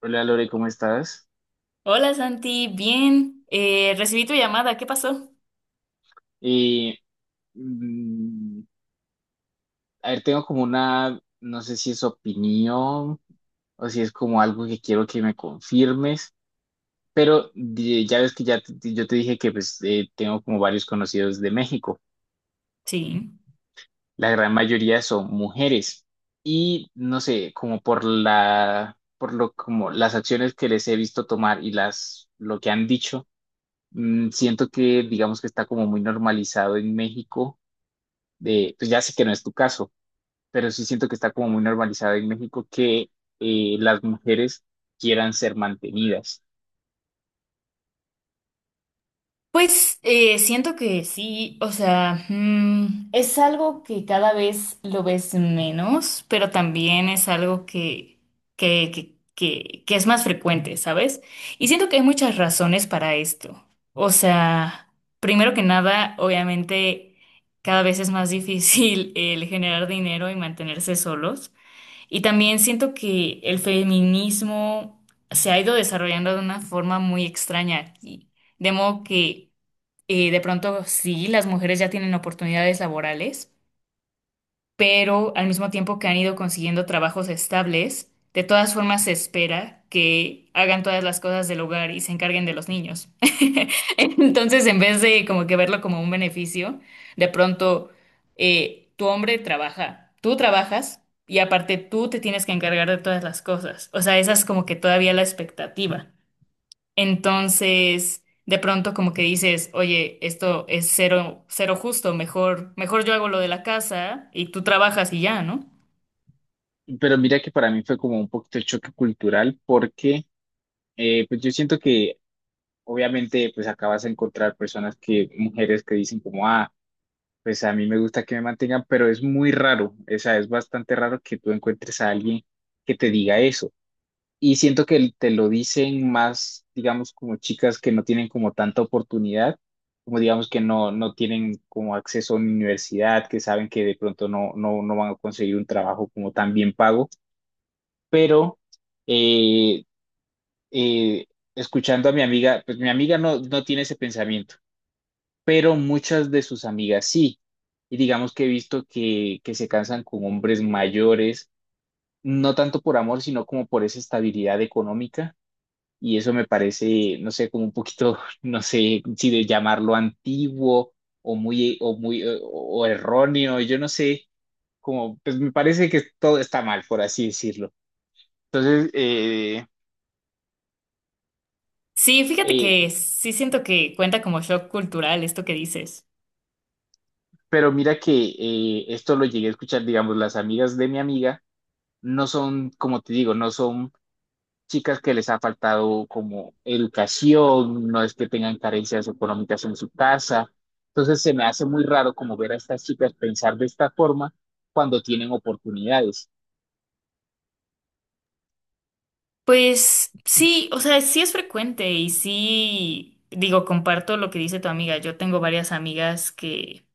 Hola Lore, ¿cómo estás? Hola Santi, bien, recibí tu llamada, ¿qué pasó? Y, mm, a ver, tengo como una, no sé si es opinión o si es como algo que quiero que me confirmes, pero ya ves que yo te dije que pues, tengo como varios conocidos de México. Sí. La gran mayoría son mujeres y no sé, como por lo como las acciones que les he visto tomar y las lo que han dicho, siento que digamos que está como muy normalizado en México. De, pues ya sé que no es tu caso, pero sí siento que está como muy normalizado en México que las mujeres quieran ser mantenidas. Pues siento que sí, o sea, mm, es algo que cada vez lo ves menos, pero también es algo que es más frecuente, ¿sabes? Y siento que hay muchas razones para esto. O sea, primero que nada, obviamente, cada vez es más difícil el generar dinero y mantenerse solos. Y también siento que el feminismo se ha ido desarrollando de una forma muy extraña aquí, de modo que de pronto sí, las mujeres ya tienen oportunidades laborales, pero al mismo tiempo que han ido consiguiendo trabajos estables, de todas formas se espera que hagan todas las cosas del hogar y se encarguen de los niños. Entonces, en vez de como que verlo como un beneficio, de pronto tu hombre trabaja, tú trabajas y aparte tú te tienes que encargar de todas las cosas. O sea, esa es como que todavía la expectativa. Entonces, de pronto como que dices, oye, esto es cero, cero justo, mejor, mejor yo hago lo de la casa y tú trabajas y ya, ¿no? Pero mira que para mí fue como un poquito de choque cultural porque pues yo siento que obviamente pues acabas de encontrar personas que, mujeres que dicen como, ah, pues a mí me gusta que me mantengan, pero es muy raro, o sea, es bastante raro que tú encuentres a alguien que te diga eso. Y siento que te lo dicen más, digamos, como chicas que no tienen como tanta oportunidad, como digamos que no, no tienen como acceso a una universidad, que saben que de pronto no van a conseguir un trabajo como tan bien pago, pero eh, eh, escuchando a mi amiga, pues mi amiga no, no tiene ese pensamiento, pero muchas de sus amigas sí. Y digamos que he visto que se cansan con hombres mayores, no tanto por amor, sino como por esa estabilidad económica. Y eso me parece, no sé, como un poquito, no sé si de llamarlo antiguo o muy, o erróneo, yo no sé, como, pues me parece que todo está mal, por así decirlo. Entonces, eh, Sí, fíjate eh, que sí siento que cuenta como shock cultural esto que dices. pero mira que esto lo llegué a escuchar, digamos, las amigas de mi amiga no son, como te digo, no son chicas que les ha faltado como educación, no es que tengan carencias económicas en su casa. Entonces se me hace muy raro como ver a estas chicas pensar de esta forma cuando tienen oportunidades. Pues sí, o sea, sí es frecuente y sí, digo, comparto lo que dice tu amiga. Yo tengo varias amigas que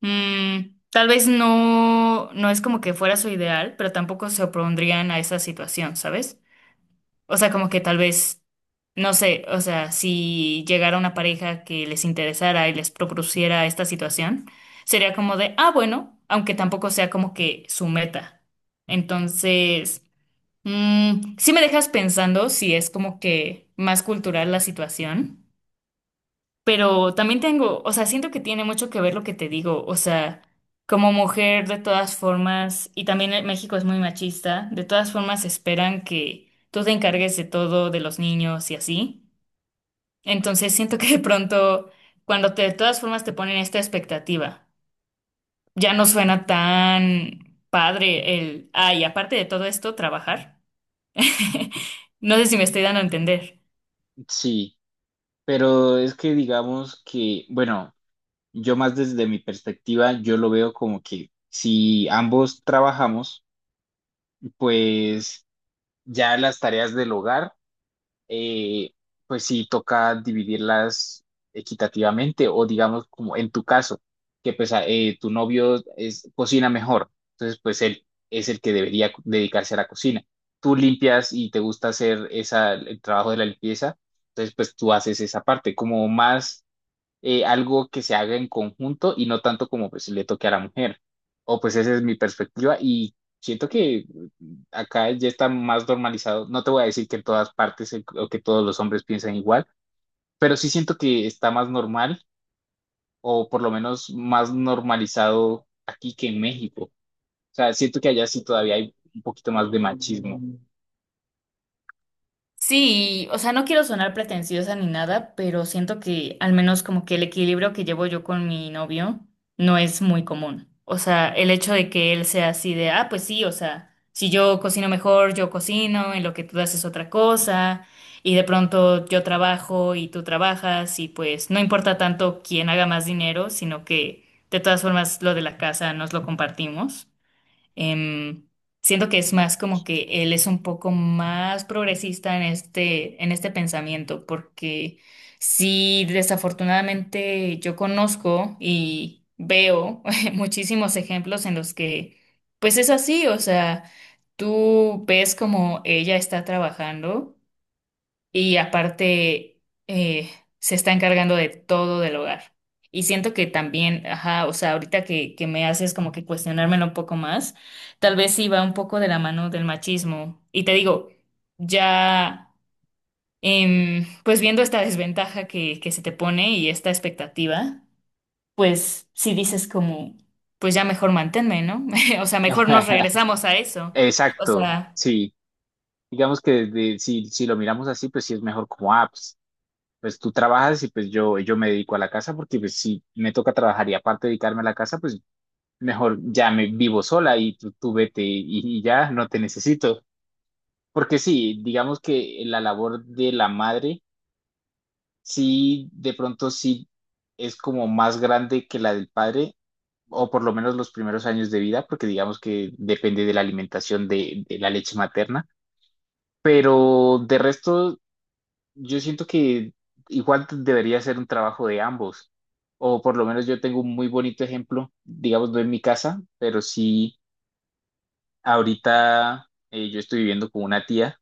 mm, tal vez no, no es como que fuera su ideal, pero tampoco se opondrían a esa situación, ¿sabes? O sea, como que tal vez, no sé, o sea, si llegara una pareja que les interesara y les propusiera esta situación, sería como de, ah, bueno, aunque tampoco sea como que su meta. Entonces, mm, sí me dejas pensando si es como que más cultural la situación. Pero también tengo, o sea, siento que tiene mucho que ver lo que te digo, o sea, como mujer de todas formas, y también en México es muy machista, de todas formas esperan que tú te encargues de todo, de los niños y así. Entonces siento que de pronto, cuando te, de todas formas te ponen esta expectativa, ya no suena tan padre el, ay, aparte de todo esto, trabajar. No sé si me estoy dando a entender. Sí, pero es que digamos que, bueno, yo más desde mi perspectiva, yo lo veo como que si ambos trabajamos, pues ya las tareas del hogar eh, pues sí toca dividirlas equitativamente o digamos como en tu caso, que pues tu novio es, cocina mejor, entonces pues él es el que debería dedicarse a la cocina. Tú limpias y te gusta hacer esa, el trabajo de la limpieza, entonces pues tú haces esa parte, como más algo que se haga en conjunto y no tanto como pues le toque a la mujer. O pues esa es mi perspectiva y siento que acá ya está más normalizado. No te voy a decir que en todas partes o que todos los hombres piensan igual, pero sí siento que está más normal o por lo menos más normalizado aquí que en México. O sea, siento que allá sí todavía hay un poquito más de machismo. Sí, o sea, no quiero sonar pretenciosa ni nada, pero siento que al menos como que el equilibrio que llevo yo con mi novio no es muy común. O sea, el hecho de que él sea así de, ah, pues sí, o sea, si yo cocino mejor, yo cocino, en lo que tú haces otra cosa, y de pronto yo trabajo y tú trabajas, y pues no importa tanto quién haga más dinero, sino que de todas formas lo de la casa nos lo compartimos. Em, siento que es más como que él es un poco más progresista en este pensamiento, porque sí, desafortunadamente yo conozco y veo muchísimos ejemplos en los que, pues es así, o sea, tú ves como ella está trabajando y aparte eh, se está encargando de todo del hogar. Y siento que también, ajá, o sea, ahorita que me haces como que cuestionármelo un poco más, tal vez sí va un poco de la mano del machismo. Y te digo, ya, em, pues viendo esta desventaja que se te pone y esta expectativa, pues sí dices como, pues ya mejor manténme, ¿no? O sea, mejor nos regresamos a eso. O Exacto, sea... sí. Digamos que si, si lo miramos así, pues sí es mejor como apps, pues tú trabajas y pues yo me dedico a la casa porque pues si me toca trabajar y aparte dedicarme a la casa, pues mejor ya me vivo sola y tú vete y ya no te necesito. Porque sí, digamos que la labor de la madre, sí, de pronto sí es como más grande que la del padre, o por lo menos los primeros años de vida, porque digamos que depende de la alimentación de la leche materna. Pero de resto yo siento que igual debería ser un trabajo de ambos, o por lo menos yo tengo un muy bonito ejemplo, digamos, no en mi casa, pero sí ahorita, yo estoy viviendo con una tía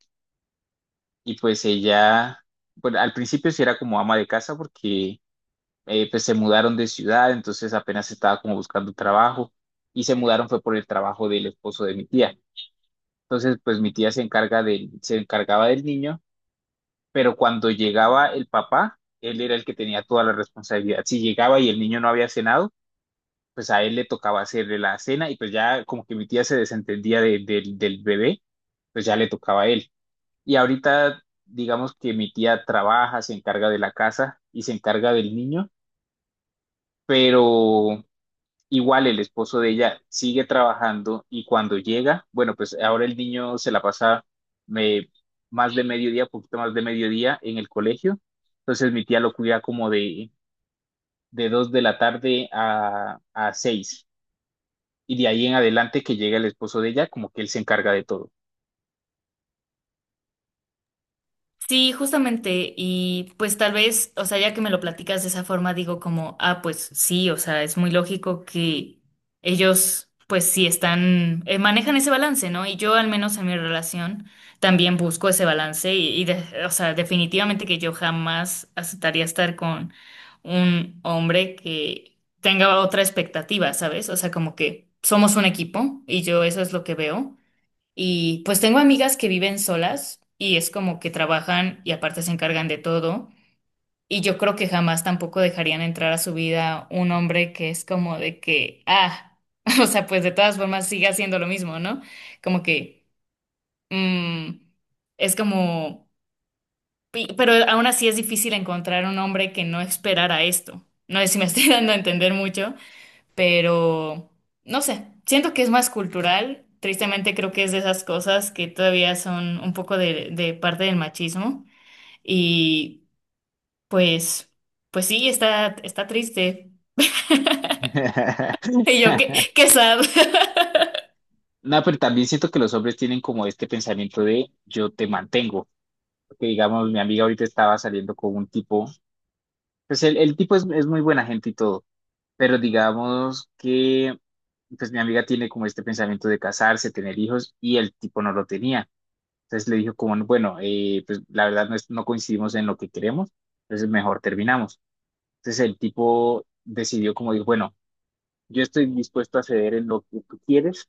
y pues ella, bueno, al principio sí era como ama de casa porque pues se mudaron de ciudad, entonces apenas estaba como buscando trabajo y se mudaron fue por el trabajo del esposo de mi tía. Entonces, pues mi tía se encargaba del niño, pero cuando llegaba el papá, él era el que tenía toda la responsabilidad. Si llegaba y el niño no había cenado, pues a él le tocaba hacerle la cena y pues ya como que mi tía se desentendía del del bebé, pues ya le tocaba a él. Y ahorita digamos que mi tía trabaja, se encarga de la casa y se encarga del niño, pero igual el esposo de ella sigue trabajando y cuando llega, bueno, pues ahora el niño se la pasa me- más de mediodía, poquito más de mediodía en el colegio. Entonces mi tía lo cuida como de 2 de la tarde a seis. Y de ahí en adelante que llega el esposo de ella, como que él se encarga de todo. Sí, justamente, y pues tal vez, o sea, ya que me lo platicas de esa forma, digo como, ah, pues sí, o sea, es muy lógico que ellos, pues sí están, manejan ese balance, ¿no? Y yo al menos en mi relación también busco ese balance y, o sea, definitivamente que yo jamás aceptaría estar con un hombre que tenga otra expectativa, ¿sabes? O sea, como que somos un equipo y yo eso es lo que veo. Y pues tengo amigas que viven solas y es como que trabajan y aparte se encargan de todo. Y yo creo que jamás tampoco dejarían entrar a su vida un hombre que es como de que, ah, o sea, pues de todas formas sigue haciendo lo mismo, ¿no? Como que, mm, es como, pero aún así es difícil encontrar un hombre que no esperara esto. No sé si me estoy dando a entender mucho, pero no sé, siento que es más cultural. Tristemente creo que es de esas cosas que todavía son un poco de parte del machismo y pues, pues sí, está, está triste. Y yo, qué, qué sad. No, pero también siento que los hombres tienen como este pensamiento de yo te mantengo. Porque digamos, mi amiga ahorita estaba saliendo con un tipo, pues el tipo es muy buena gente y todo. Pero digamos que, pues mi amiga tiene como este pensamiento de casarse, tener hijos, y el tipo no lo tenía. Entonces le dijo como, bueno, pues la verdad no, no coincidimos en lo que queremos, entonces mejor terminamos. Entonces el tipo decidió como, dijo, bueno, yo estoy dispuesto a ceder en lo que tú quieres,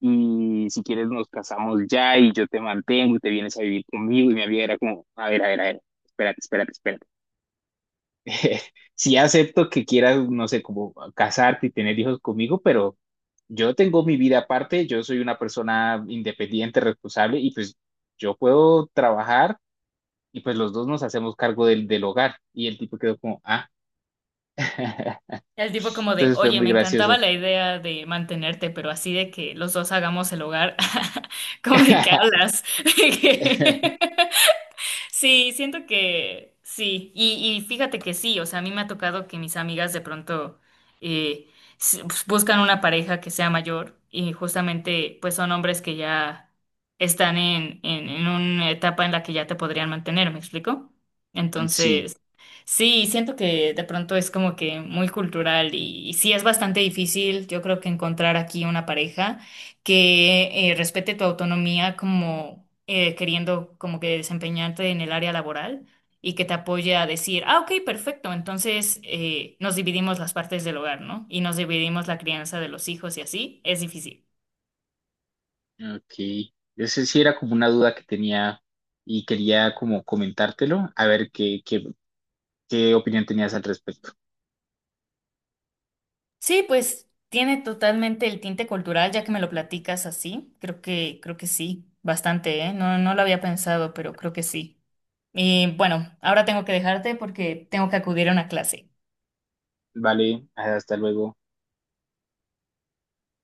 y si quieres nos casamos ya, y yo te mantengo, y te vienes a vivir conmigo, y mi amiga era como, a ver, a ver, a ver, espérate, espérate, espérate. Sí acepto que quieras, no sé, como casarte y tener hijos conmigo, pero yo tengo mi vida aparte, yo soy una persona independiente, responsable y pues yo puedo trabajar y pues los dos nos hacemos cargo del hogar. Y el tipo quedó como, ah, El tipo como de, entonces fue oye, muy me encantaba gracioso. la idea de mantenerte, pero así de que los dos hagamos el hogar, como de qué hablas. Sí, siento que sí. Y fíjate que sí, o sea, a mí me ha tocado que mis amigas de pronto eh, pues, buscan una pareja que sea mayor y justamente pues son hombres que ya están en una etapa en la que ya te podrían mantener, ¿me explico? Sí, Entonces, sí, siento que de pronto es como que muy cultural y sí es bastante difícil, yo creo que encontrar aquí una pareja que respete tu autonomía como queriendo como que desempeñarte en el área laboral y que te apoye a decir, ah, ok, perfecto, entonces nos dividimos las partes del hogar, ¿no? Y nos dividimos la crianza de los hijos y así, es difícil. ok. Ese sí era como una duda que tenía y quería como comentártelo, a ver qué opinión tenías al respecto. Sí, pues tiene totalmente el tinte cultural, ya que me lo platicas así, creo que sí, bastante, ¿eh? No, no lo había pensado, pero creo que sí. Y bueno, ahora tengo que dejarte porque tengo que acudir a una clase. Vale, hasta luego.